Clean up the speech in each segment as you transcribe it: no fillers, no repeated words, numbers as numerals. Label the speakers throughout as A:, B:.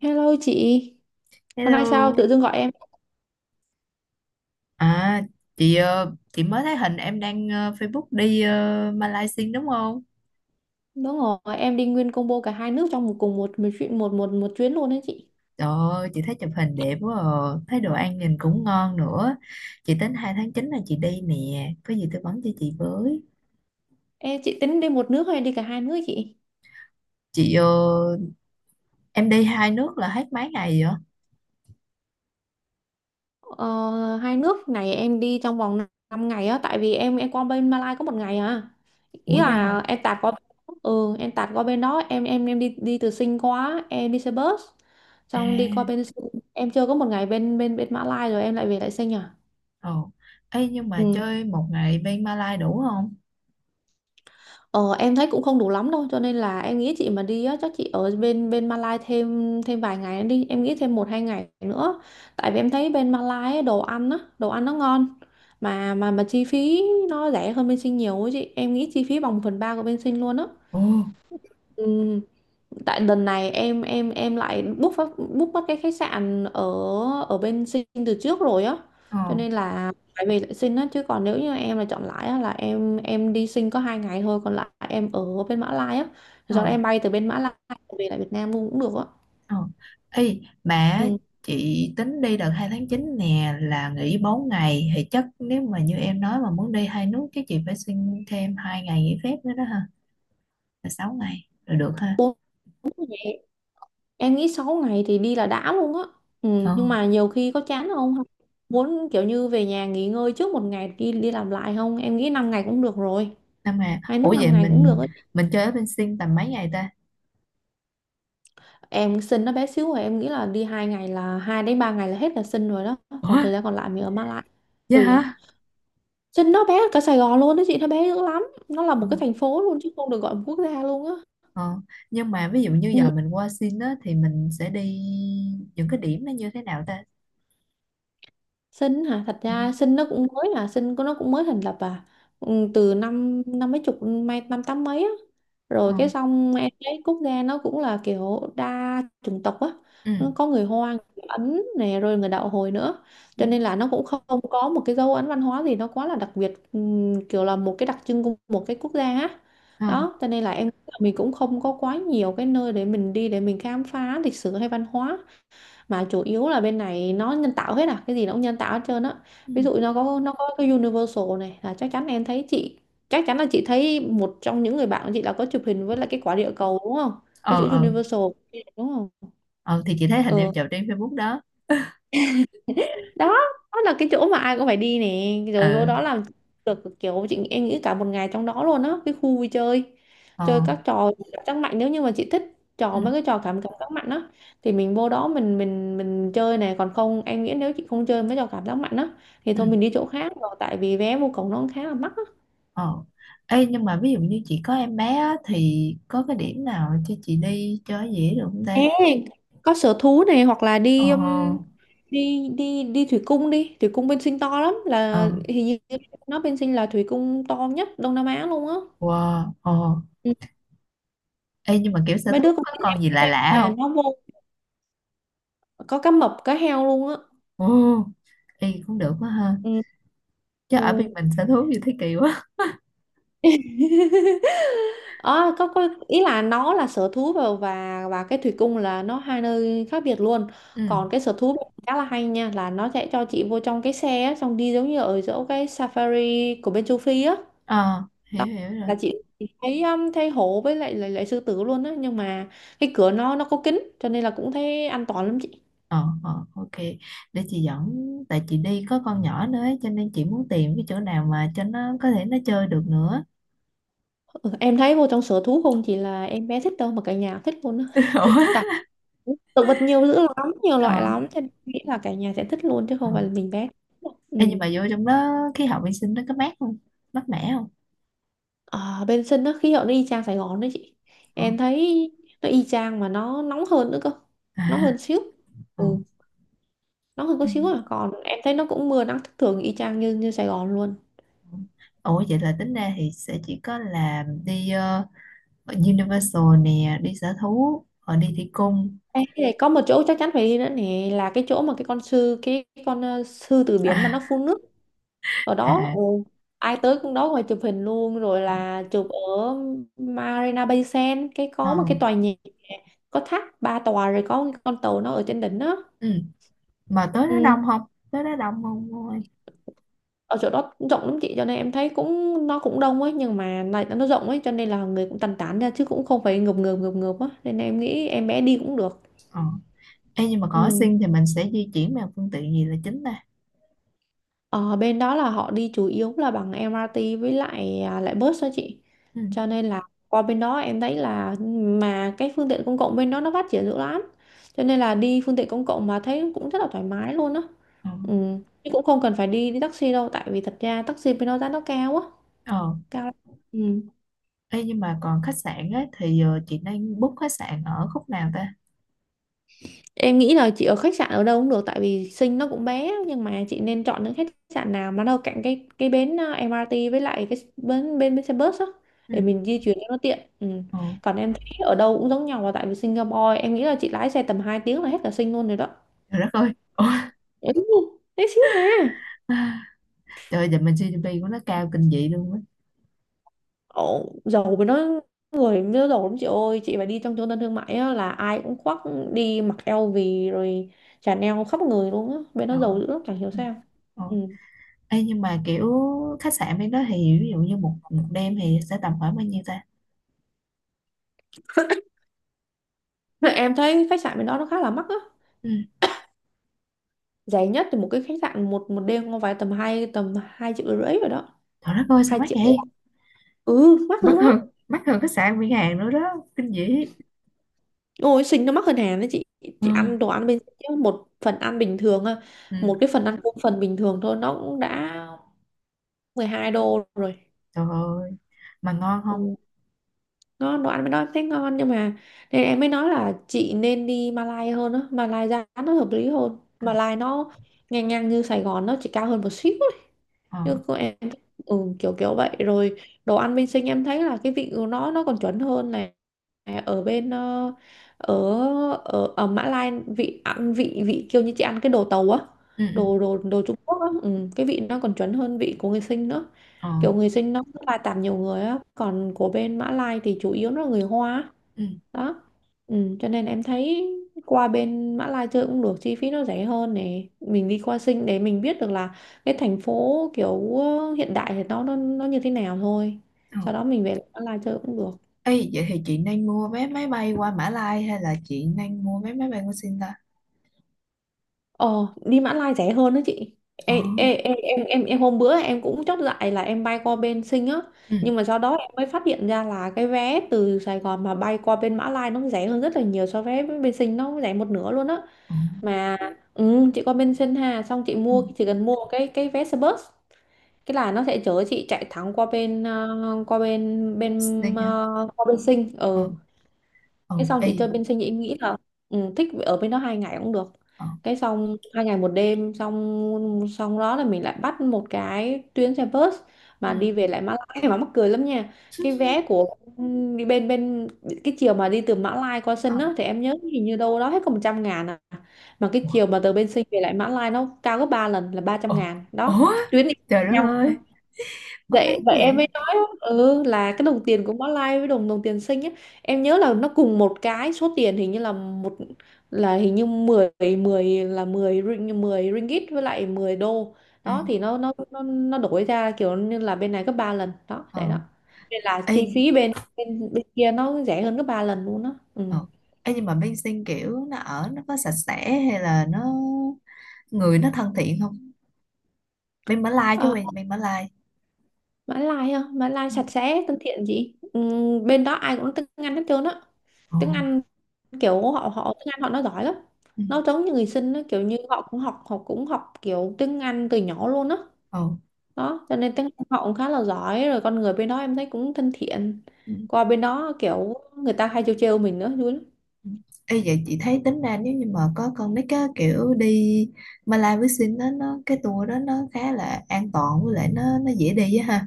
A: Hello chị, hôm nay sao
B: Hello.
A: tự dưng gọi em?
B: À, chị mới thấy hình em đang Facebook đi Malaysia đúng không?
A: Đúng rồi, em đi nguyên combo cả hai nước trong một cùng một một chuyện một một một chuyến luôn đấy chị.
B: Trời ơi, chị thấy chụp hình đẹp quá à. Thấy đồ ăn nhìn cũng ngon nữa. Chị tính 2 tháng 9 là chị đi nè, có gì tư vấn cho chị với.
A: Chị tính đi một nước hay đi cả hai nước chị?
B: Chị ờ, em đi hai nước là hết mấy ngày vậy?
A: Ờ, Hai nước này em đi trong vòng 5 ngày á, tại vì em qua bên Malai có một ngày à. Ý
B: Ủa vậy
A: là
B: hả?
A: em tạt qua, em tạt qua bên đó, em đi đi từ Sing qua, em đi xe bus,
B: À,
A: xong đi qua bên Sing. Em chưa có một ngày bên bên bên Malai rồi em lại về lại Sing à.
B: ồ. Ê, nhưng mà
A: Ừ.
B: chơi một ngày bên Malaysia đủ không?
A: Ờ, em thấy cũng không đủ lắm đâu cho nên là em nghĩ chị mà đi á chắc chị ở bên bên Malai thêm thêm vài ngày đi, em nghĩ thêm một hai ngày nữa, tại vì em thấy bên Malai á, đồ ăn á, đồ ăn nó ngon, mà chi phí nó rẻ hơn bên Sinh nhiều ấy chị, em nghĩ chi phí bằng một phần ba của bên Sinh luôn á.
B: Ồ,
A: Ừ, tại lần này em lại book mất cái khách sạn ở ở bên Sinh từ trước rồi á,
B: ồ,
A: cho nên là phải về lại Sinh á. Chứ còn nếu như em là chọn lại á là em đi Sinh có hai ngày thôi, còn lại em ở bên Mã Lai á, do đó em
B: ồ.
A: bay từ bên Mã Lai về lại Việt Nam luôn cũng được á.
B: Ờ. Ê, mà
A: Ừ.
B: chị tính đi đợt 2 tháng 9 nè là nghỉ 4 ngày thì chắc nếu mà như em nói mà muốn đi hai nước cái chị phải xin thêm hai ngày nghỉ phép nữa đó ha, là 6 ngày rồi được ha.
A: Bốn ngày, em nghĩ 6 ngày thì đi là đã luôn á. Ừ,
B: Ờ,
A: nhưng mà nhiều khi có chán không, muốn kiểu như về nhà nghỉ ngơi trước một ngày đi đi làm lại không, em nghĩ 5 ngày cũng được rồi,
B: nhưng mà
A: hai nước
B: ủa vậy
A: 5 ngày cũng được
B: mình
A: á.
B: mình chơi ở bên Sing tầm mấy ngày ta?
A: Em Sinh nó bé xíu, rồi em nghĩ là đi hai ngày, là hai đến ba ngày là hết là Sinh rồi đó,
B: Ủa
A: còn thời gian còn lại mình ở Mã Lai.
B: vậy
A: Tùy à,
B: hả?
A: Sinh nó bé hơn cả Sài Gòn luôn đó chị, nó bé dữ lắm, nó là
B: Ờ.
A: một cái thành phố luôn chứ không được gọi là một quốc gia luôn á.
B: Ờ. Nhưng mà ví dụ như giờ
A: Ừ,
B: mình qua Sing á thì mình sẽ đi những cái điểm nó như thế nào ta?
A: Sinh hả? Thật
B: Ừ.
A: ra Sinh nó cũng mới, là Sinh của nó cũng mới thành lập à. Ừ, từ năm năm mấy chục mấy năm tám mấy á.
B: Ờ.
A: Rồi cái xong em thấy quốc gia nó cũng là kiểu đa chủng tộc á.
B: Ừ.
A: Nó có người Hoa, người Ấn nè, rồi người đạo Hồi nữa. Cho
B: Ừ.
A: nên là nó cũng không có một cái dấu ấn văn hóa gì nó quá là đặc biệt, kiểu là một cái đặc trưng của một cái quốc gia á.
B: Ờ.
A: Đó, cho nên là em nghĩ là mình cũng không có quá nhiều cái nơi để mình đi, để mình khám phá lịch sử hay văn hóa, mà chủ yếu là bên này nó nhân tạo hết à, cái gì nó cũng nhân tạo hết trơn á.
B: Ừ.
A: Ví dụ nó có cái Universal này, là chắc chắn em thấy chị, chắc chắn là chị thấy một trong những người bạn của chị là có chụp hình với lại cái quả địa cầu đúng không, có
B: Ờ.
A: chữ
B: Ờ.
A: Universal đúng không.
B: Ờ, thì chị thấy hình em
A: Ừ,
B: chụp trên Facebook đó.
A: đó, đó là cái chỗ mà ai cũng phải đi nè, rồi vô
B: Ừ.
A: đó làm được kiểu chị, em nghĩ cả một ngày trong đó luôn á, cái khu vui chơi
B: Ờ.
A: chơi các trò cảm giác mạnh, nếu như mà chị thích
B: Ừ.
A: trò, mấy cái trò cảm cảm giác mạnh á, thì mình vô đó mình chơi này. Còn không, em nghĩ nếu chị không chơi mấy trò cảm giác mạnh á thì
B: Ừ.
A: thôi mình đi chỗ khác, rồi tại vì vé vô cổng nó khá là mắc á.
B: Ờ. Ê, nhưng mà ví dụ như chị có em bé á, thì có cái điểm nào cho chị đi cho dễ được không
A: Ê,
B: ta?
A: có sở thú này, hoặc là
B: Ờ.
A: đi đi thủy cung, đi thủy cung bên Sinh to lắm,
B: Ờ.
A: là hình như bên Sinh là thủy cung to nhất Đông Nam Á luôn á.
B: Wow. Ờ. Ê, nhưng mà kiểu sở
A: Mấy
B: thú
A: đứa con
B: có
A: nít em
B: con gì lạ
A: nghĩ
B: lạ
A: là
B: không?
A: nó vô có cá mập, cá heo luôn á.
B: Ồ. Ê, cũng được quá ha.
A: Ừ.
B: Chứ
A: Ừ.
B: ở bên mình sở thú gì thế kỳ quá.
A: Ờ, có ý là nó là sở thú và và cái thủy cung là nó hai nơi khác biệt luôn.
B: Ừ.
A: Còn cái sở thú khá là hay nha, là nó sẽ cho chị vô trong cái xe á, xong đi giống như ở chỗ cái safari của bên châu Phi á.
B: Ờ, hiểu
A: Đó,
B: hiểu rồi.
A: là chị thấy, thấy hổ với lại, lại sư tử luôn á, nhưng mà cái cửa nó có kính cho nên là cũng thấy an toàn lắm chị.
B: Ờ. Ờ. Ok. Để chị dẫn, tại chị đi có con nhỏ nữa ấy, cho nên chị muốn tìm cái chỗ nào mà cho nó có thể nó chơi được nữa.
A: Ừ, em thấy vô trong sở thú không chỉ là em bé thích đâu mà cả nhà thích luôn á.
B: Ủa.
A: Tại động vật nhiều dữ lắm, nhiều loại
B: Ờ.
A: lắm, cho nên nghĩ là cả nhà sẽ thích luôn chứ
B: Ờ.
A: không phải là mình bé. Ừ.
B: Ê, nhưng mà vô trong đó khí hậu vệ sinh nó có mát không? Mát mẻ không?
A: Ở bên sân đó khí hậu nó y chang Sài Gòn đấy chị.
B: Ờ.
A: Em thấy nó y chang mà nó nóng hơn nữa cơ.
B: À.
A: Nóng hơn xíu.
B: Ờ.
A: Ừ, nóng hơn có
B: Ừ.
A: xíu à. Còn em thấy nó cũng mưa nắng thất thường y chang như như Sài Gòn luôn.
B: Ủa, vậy là tính ra thì sẽ chỉ có là đi Universal nè, đi sở thú, rồi đi thủy cung.
A: Ê, cái này có một chỗ chắc chắn phải đi nữa nè, là cái chỗ mà cái con sư cái, con sư tử biển mà
B: À.
A: nó phun nước ở đó.
B: À.
A: Ừ, ai tới cũng đó ngoài chụp hình luôn, rồi là chụp ở Marina Bay Sands, cái có một
B: Ờ.
A: cái tòa nhà có tháp ba tòa rồi có cái con tàu nó ở trên đỉnh đó.
B: Ừ. Mà tới
A: Ừ.
B: đó đông không? Tới đó đông không cô ơi?
A: Ở chỗ đó cũng rộng lắm chị, cho nên em thấy cũng nó cũng đông ấy, nhưng mà lại nó rộng ấy cho nên là người cũng tàn tán ra chứ cũng không phải ngập ngợp á, nên em nghĩ em bé đi cũng được.
B: Ờ. Ê, nhưng mà có
A: Ừ.
B: sinh thì mình sẽ di chuyển bằng phương tiện gì là chính ta?
A: Ờ, bên đó là họ đi chủ yếu là bằng MRT với lại, lại bus đó chị.
B: Ừ.
A: Cho nên là qua bên đó em thấy là mà cái phương tiện công cộng bên đó nó phát triển dữ lắm. Cho nên là đi phương tiện công cộng mà thấy cũng rất là thoải mái luôn á.
B: Ờ.
A: Ừ. Chứ cũng không cần phải đi đi taxi đâu, tại vì thật ra taxi bên đó giá nó cao á,
B: Ờ.
A: cao lắm. Ừ.
B: Ê, nhưng mà còn khách sạn ấy, thì chị đang book khách sạn ở khúc nào ta?
A: Em nghĩ là chị ở khách sạn ở đâu cũng được, tại vì Sing nó cũng bé, nhưng mà chị nên chọn những khách sạn nào mà nó ở cạnh cái bến MRT với lại cái bến bến xe bus á,
B: Ừ.
A: để mình di chuyển cho nó tiện. Ừ.
B: Ờ.
A: Còn em thấy ở đâu cũng giống nhau, và tại vì Singapore em nghĩ là chị lái xe tầm 2 tiếng là hết cả Sing luôn rồi đó.
B: Trời đất ơi.
A: Ừ, tí xíu à.
B: Trời ơi, giờ mình GDP của nó cao kinh dị luôn á.
A: Ồ, giàu với nó, người nó giàu lắm chị ơi, chị phải đi trong trung tâm thương mại á, là ai cũng khoác đi mặc eo LV rồi Chanel khắp người luôn á, bên nó
B: Trời
A: giàu
B: ơi.
A: dữ lắm chẳng hiểu sao.
B: Ờ.
A: Ừ.
B: Ê, nhưng mà kiểu khách sạn bên đó thì ví dụ như một một đêm thì sẽ tầm khoảng bao nhiêu ta?
A: Thế em thấy khách sạn bên đó nó khá là mắc á.
B: Ừ.
A: Rẻ nhất thì một cái khách sạn một một đêm không phải tầm hai, tầm 2,5 triệu rồi đó.
B: Trời đất ơi, sao
A: Hai
B: mắc
A: triệu.
B: vậy?
A: Ừ, mắc dữ
B: mắc
A: lắm.
B: hơn mắc hơn khách sạn bên Hàn nữa đó. Kinh dị.
A: Ôi, Sình nó mắc hơn Hàn đấy chị. Chị ăn
B: Ừ.
A: đồ ăn bên Sình chứ, một phần ăn bình thường á,
B: Ừ.
A: một cái phần ăn cơm phần bình thường thôi nó cũng đã 12 đô rồi.
B: Trời ơi. Mà ngon không?
A: Ừ. Nó đồ ăn bên đó em thấy ngon, nhưng mà nên em mới nói là chị nên đi Malai hơn á, Malai giá nó hợp lý hơn.
B: Ờ.
A: Malai nó ngang ngang như Sài Gòn, nó chỉ cao hơn một xíu.
B: Ờ.
A: Chứ cô em, ừ, kiểu kiểu vậy rồi. Đồ ăn bên sinh em thấy là cái vị của nó còn chuẩn hơn này. À, ở bên ở ở Mã Lai vị ăn vị vị kiểu như chị ăn cái đồ tàu á,
B: Ừ. Ừ.
A: đồ đồ đồ Trung Quốc á, ừ, cái vị nó còn chuẩn hơn vị của người sinh nữa.
B: Ờ.
A: Kiểu người sinh nó rất là tạp nhiều người á, còn của bên Mã Lai thì chủ yếu nó là người Hoa á.
B: Ừ.
A: Đó, ừ, cho nên em thấy qua bên Mã Lai chơi cũng được, chi phí nó rẻ hơn này. Mình đi qua Sing để mình biết được là cái thành phố kiểu hiện đại thì nó nó như thế nào thôi,
B: Ờ.
A: sau đó mình về lại Mã Lai chơi cũng được.
B: Ê, vậy thì chị nên mua vé máy bay qua Mã Lai hay là chị nên mua vé máy bay qua Sing ta?
A: Ờ, đi Mã Lai rẻ hơn đó chị.
B: Ờ.
A: Ê, ê, ê, Em hôm bữa em cũng chót dại là em bay qua bên Sing á,
B: Ừ.
A: nhưng mà sau đó em mới phát hiện ra là cái vé từ Sài Gòn mà bay qua bên Mã Lai nó rẻ hơn rất là nhiều, so với bên Sing nó rẻ một nửa luôn á
B: Ừ.
A: mà. Ừ, chị qua bên Sơn Hà xong chị
B: Ừ.
A: mua, chỉ cần mua cái vé xe bus cái là nó sẽ chở chị chạy thẳng qua bên qua bên
B: Sing
A: bên
B: nha.
A: qua bên Sinh,
B: Ờ.
A: ừ.
B: Ừ.
A: Cái xong
B: Ê.
A: chị chơi bên sinh em nghĩ là, ừ, thích ở bên đó 2 ngày cũng được.
B: Ờ.
A: Cái xong 2 ngày 1 đêm xong xong đó là mình lại bắt một cái tuyến xe bus
B: Ừ.
A: mà đi về lại Mã Lai mà mắc cười lắm nha. Cái vé của, ừ, đi bên bên cái chiều mà đi từ Mã Lai qua
B: Ờ.
A: Sân á thì em nhớ hình như đâu đó hết có 100.000 à, mà cái chiều mà từ bên Sinh về lại Mã Lai nó cao gấp 3 lần là ba trăm
B: Ủa?
A: ngàn đó.
B: Ủa?
A: Tuyến đi
B: Trời đất
A: nhau.
B: ơi, mất nét
A: Vậy
B: quá
A: vậy em
B: vậy.
A: mới nói, ừ, là cái đồng tiền của Mã Lai với đồng đồng tiền xinh á, em nhớ là nó cùng một cái số tiền hình như là một, là hình như mười, 10 là 10 ring 10 ringgit với lại 10 đô
B: Ừ.
A: đó. Thì nó nó đổi ra kiểu như là bên này gấp 3 lần đó
B: Ờ.
A: vậy đó, nên là
B: Ê.
A: chi phí bên bên bên kia nó rẻ hơn gấp 3 lần luôn đó, ừ.
B: Ờ. Ê, nhưng mà bên sinh kiểu nó ở nó có sạch sẽ hay là nó, người nó thân thiện không? Bên Mã Lai chứ,
A: À,
B: quen bên Mã Lai.
A: Mã Lai á, Mã Lai
B: Ừ.
A: sạch sẽ thân thiện chị, ừ, bên đó ai cũng nói tiếng Anh hết trơn á.
B: Ờ.
A: Tiếng Anh kiểu họ họ tiếng Anh họ nó giỏi lắm,
B: Ừ.
A: nó giống như người sinh đó, kiểu như họ cũng học kiểu tiếng Anh từ nhỏ luôn á
B: Ồ.
A: đó. Cho nên tiếng Anh họ cũng khá là giỏi rồi, con người bên đó em thấy cũng thân thiện,
B: Ừ.
A: qua bên đó kiểu người ta hay trêu trêu mình nữa vui lắm.
B: Ừ. Ê, vậy chị thấy tính ra nếu như mà có con nít á, kiểu đi Mã Lai với sinh đó, nó cái tour đó nó khá là an toàn, với lại nó dễ đi á ha.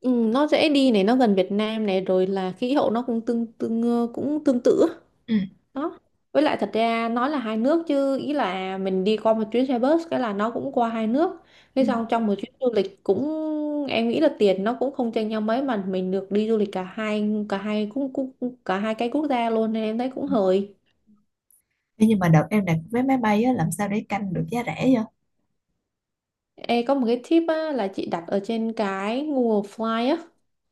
A: Ừ, nó dễ đi này, nó gần Việt Nam này, rồi là khí hậu nó cũng tương tương cũng tương tự á.
B: Ừ.
A: Đó, với lại thật ra nói là hai nước chứ ý là mình đi qua một chuyến xe bus cái là nó cũng qua hai nước,
B: Ừ.
A: thế
B: Ừ.
A: xong trong một chuyến du lịch cũng, em nghĩ là tiền nó cũng không chênh nhau mấy mà mình được đi du lịch cả hai cái quốc gia luôn, nên em thấy cũng hời.
B: Thế nhưng mà đợt em đặt vé máy bay á, làm sao để canh được giá rẻ vậy?
A: Ê, có một cái tip á, là chị đặt ở trên cái Google Fly á.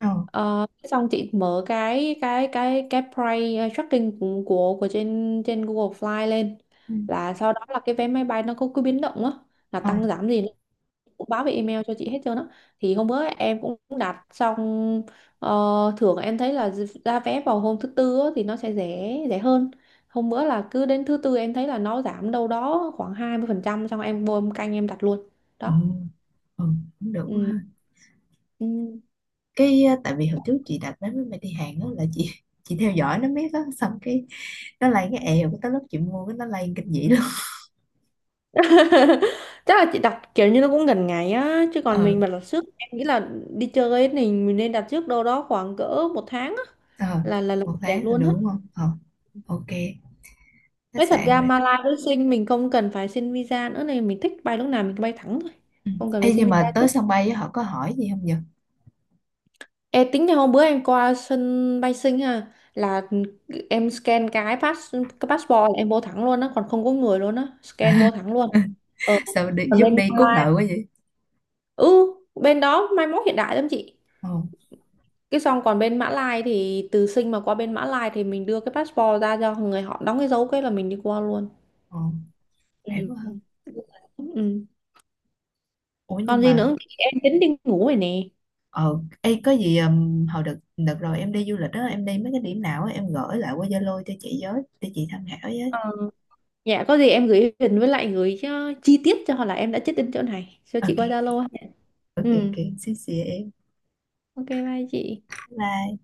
B: Ờ.
A: Ờ, xong chị mở cái price tracking của trên trên Google Fly lên,
B: Ừ.
A: là sau đó là cái vé máy bay nó có cứ biến động á, là
B: Ờ.
A: tăng giảm gì cũng báo về email cho chị hết trơn á. Thì hôm bữa em cũng đặt xong, ờ, thường em thấy là ra vé vào hôm thứ tư á, thì nó sẽ rẻ rẻ hơn. Hôm bữa là cứ đến thứ tư em thấy là nó giảm đâu đó khoảng 20% xong em vô em canh em đặt luôn
B: Ừ,
A: đó,
B: ừ, cũng được quá
A: ừ.
B: ha.
A: Ừ.
B: Cái tại vì hồi trước chị đặt vé máy bay đi Hàn á, là chị theo dõi nó biết á, xong cái nó lên, cái èo cái tới lúc chị mua cái nó lên kinh dị luôn.
A: Chắc là chị đặt kiểu như nó cũng gần ngày á, chứ còn
B: Ờ.
A: mình mà đặt trước em nghĩ là đi chơi ấy thì mình nên đặt trước đâu đó khoảng cỡ 1 tháng á
B: Ờ.
A: là
B: Một
A: đẹp
B: tháng là
A: luôn á.
B: được đúng không? Ờ, ok, khách
A: Nói thật
B: sạn
A: ra
B: rồi.
A: Malaysia với Sing mình không cần phải xin visa nữa này, mình thích bay lúc nào mình cứ bay thẳng thôi,
B: Ừ.
A: không cần
B: Ê,
A: phải xin
B: nhưng
A: visa
B: mà
A: chứ.
B: tới sân bay á, họ có hỏi gì không nhỉ?
A: Ê, tính là hôm bữa em qua sân bay Sing ha, là em scan cái pass cái passport là em vô thẳng luôn á, còn không có người luôn á, scan vô thẳng luôn. Ờ,
B: Sao đi,
A: còn
B: giống
A: bên
B: đi cốt nợ
A: Malaysia,
B: quá vậy?
A: ừ, bên đó mai mốt hiện đại lắm chị.
B: Ờ.
A: Cái xong còn bên Mã Lai thì từ Sing mà qua bên Mã Lai thì mình đưa cái passport ra cho người họ đóng cái dấu cái là mình đi qua luôn,
B: Ờ. Khỏe
A: ừ.
B: quá hơn.
A: Ừ.
B: Ủa
A: Còn
B: nhưng
A: gì
B: mà.
A: nữa. Thì em tính đi ngủ rồi nè.
B: Ờ, ê, có gì hồi đợt đợt rồi em đi du lịch đó, em đi mấy cái điểm nào á em gửi lại qua Zalo cho chị với, để chị tham khảo với.
A: Ờ, dạ có gì em gửi hình với lại gửi, ờ, chi tiết cho họ là em đã check in chỗ này cho chị
B: Ok,
A: qua Zalo ha.
B: ok,
A: Ừ,
B: ok, xin chị em.
A: ok bye chị.
B: Bye.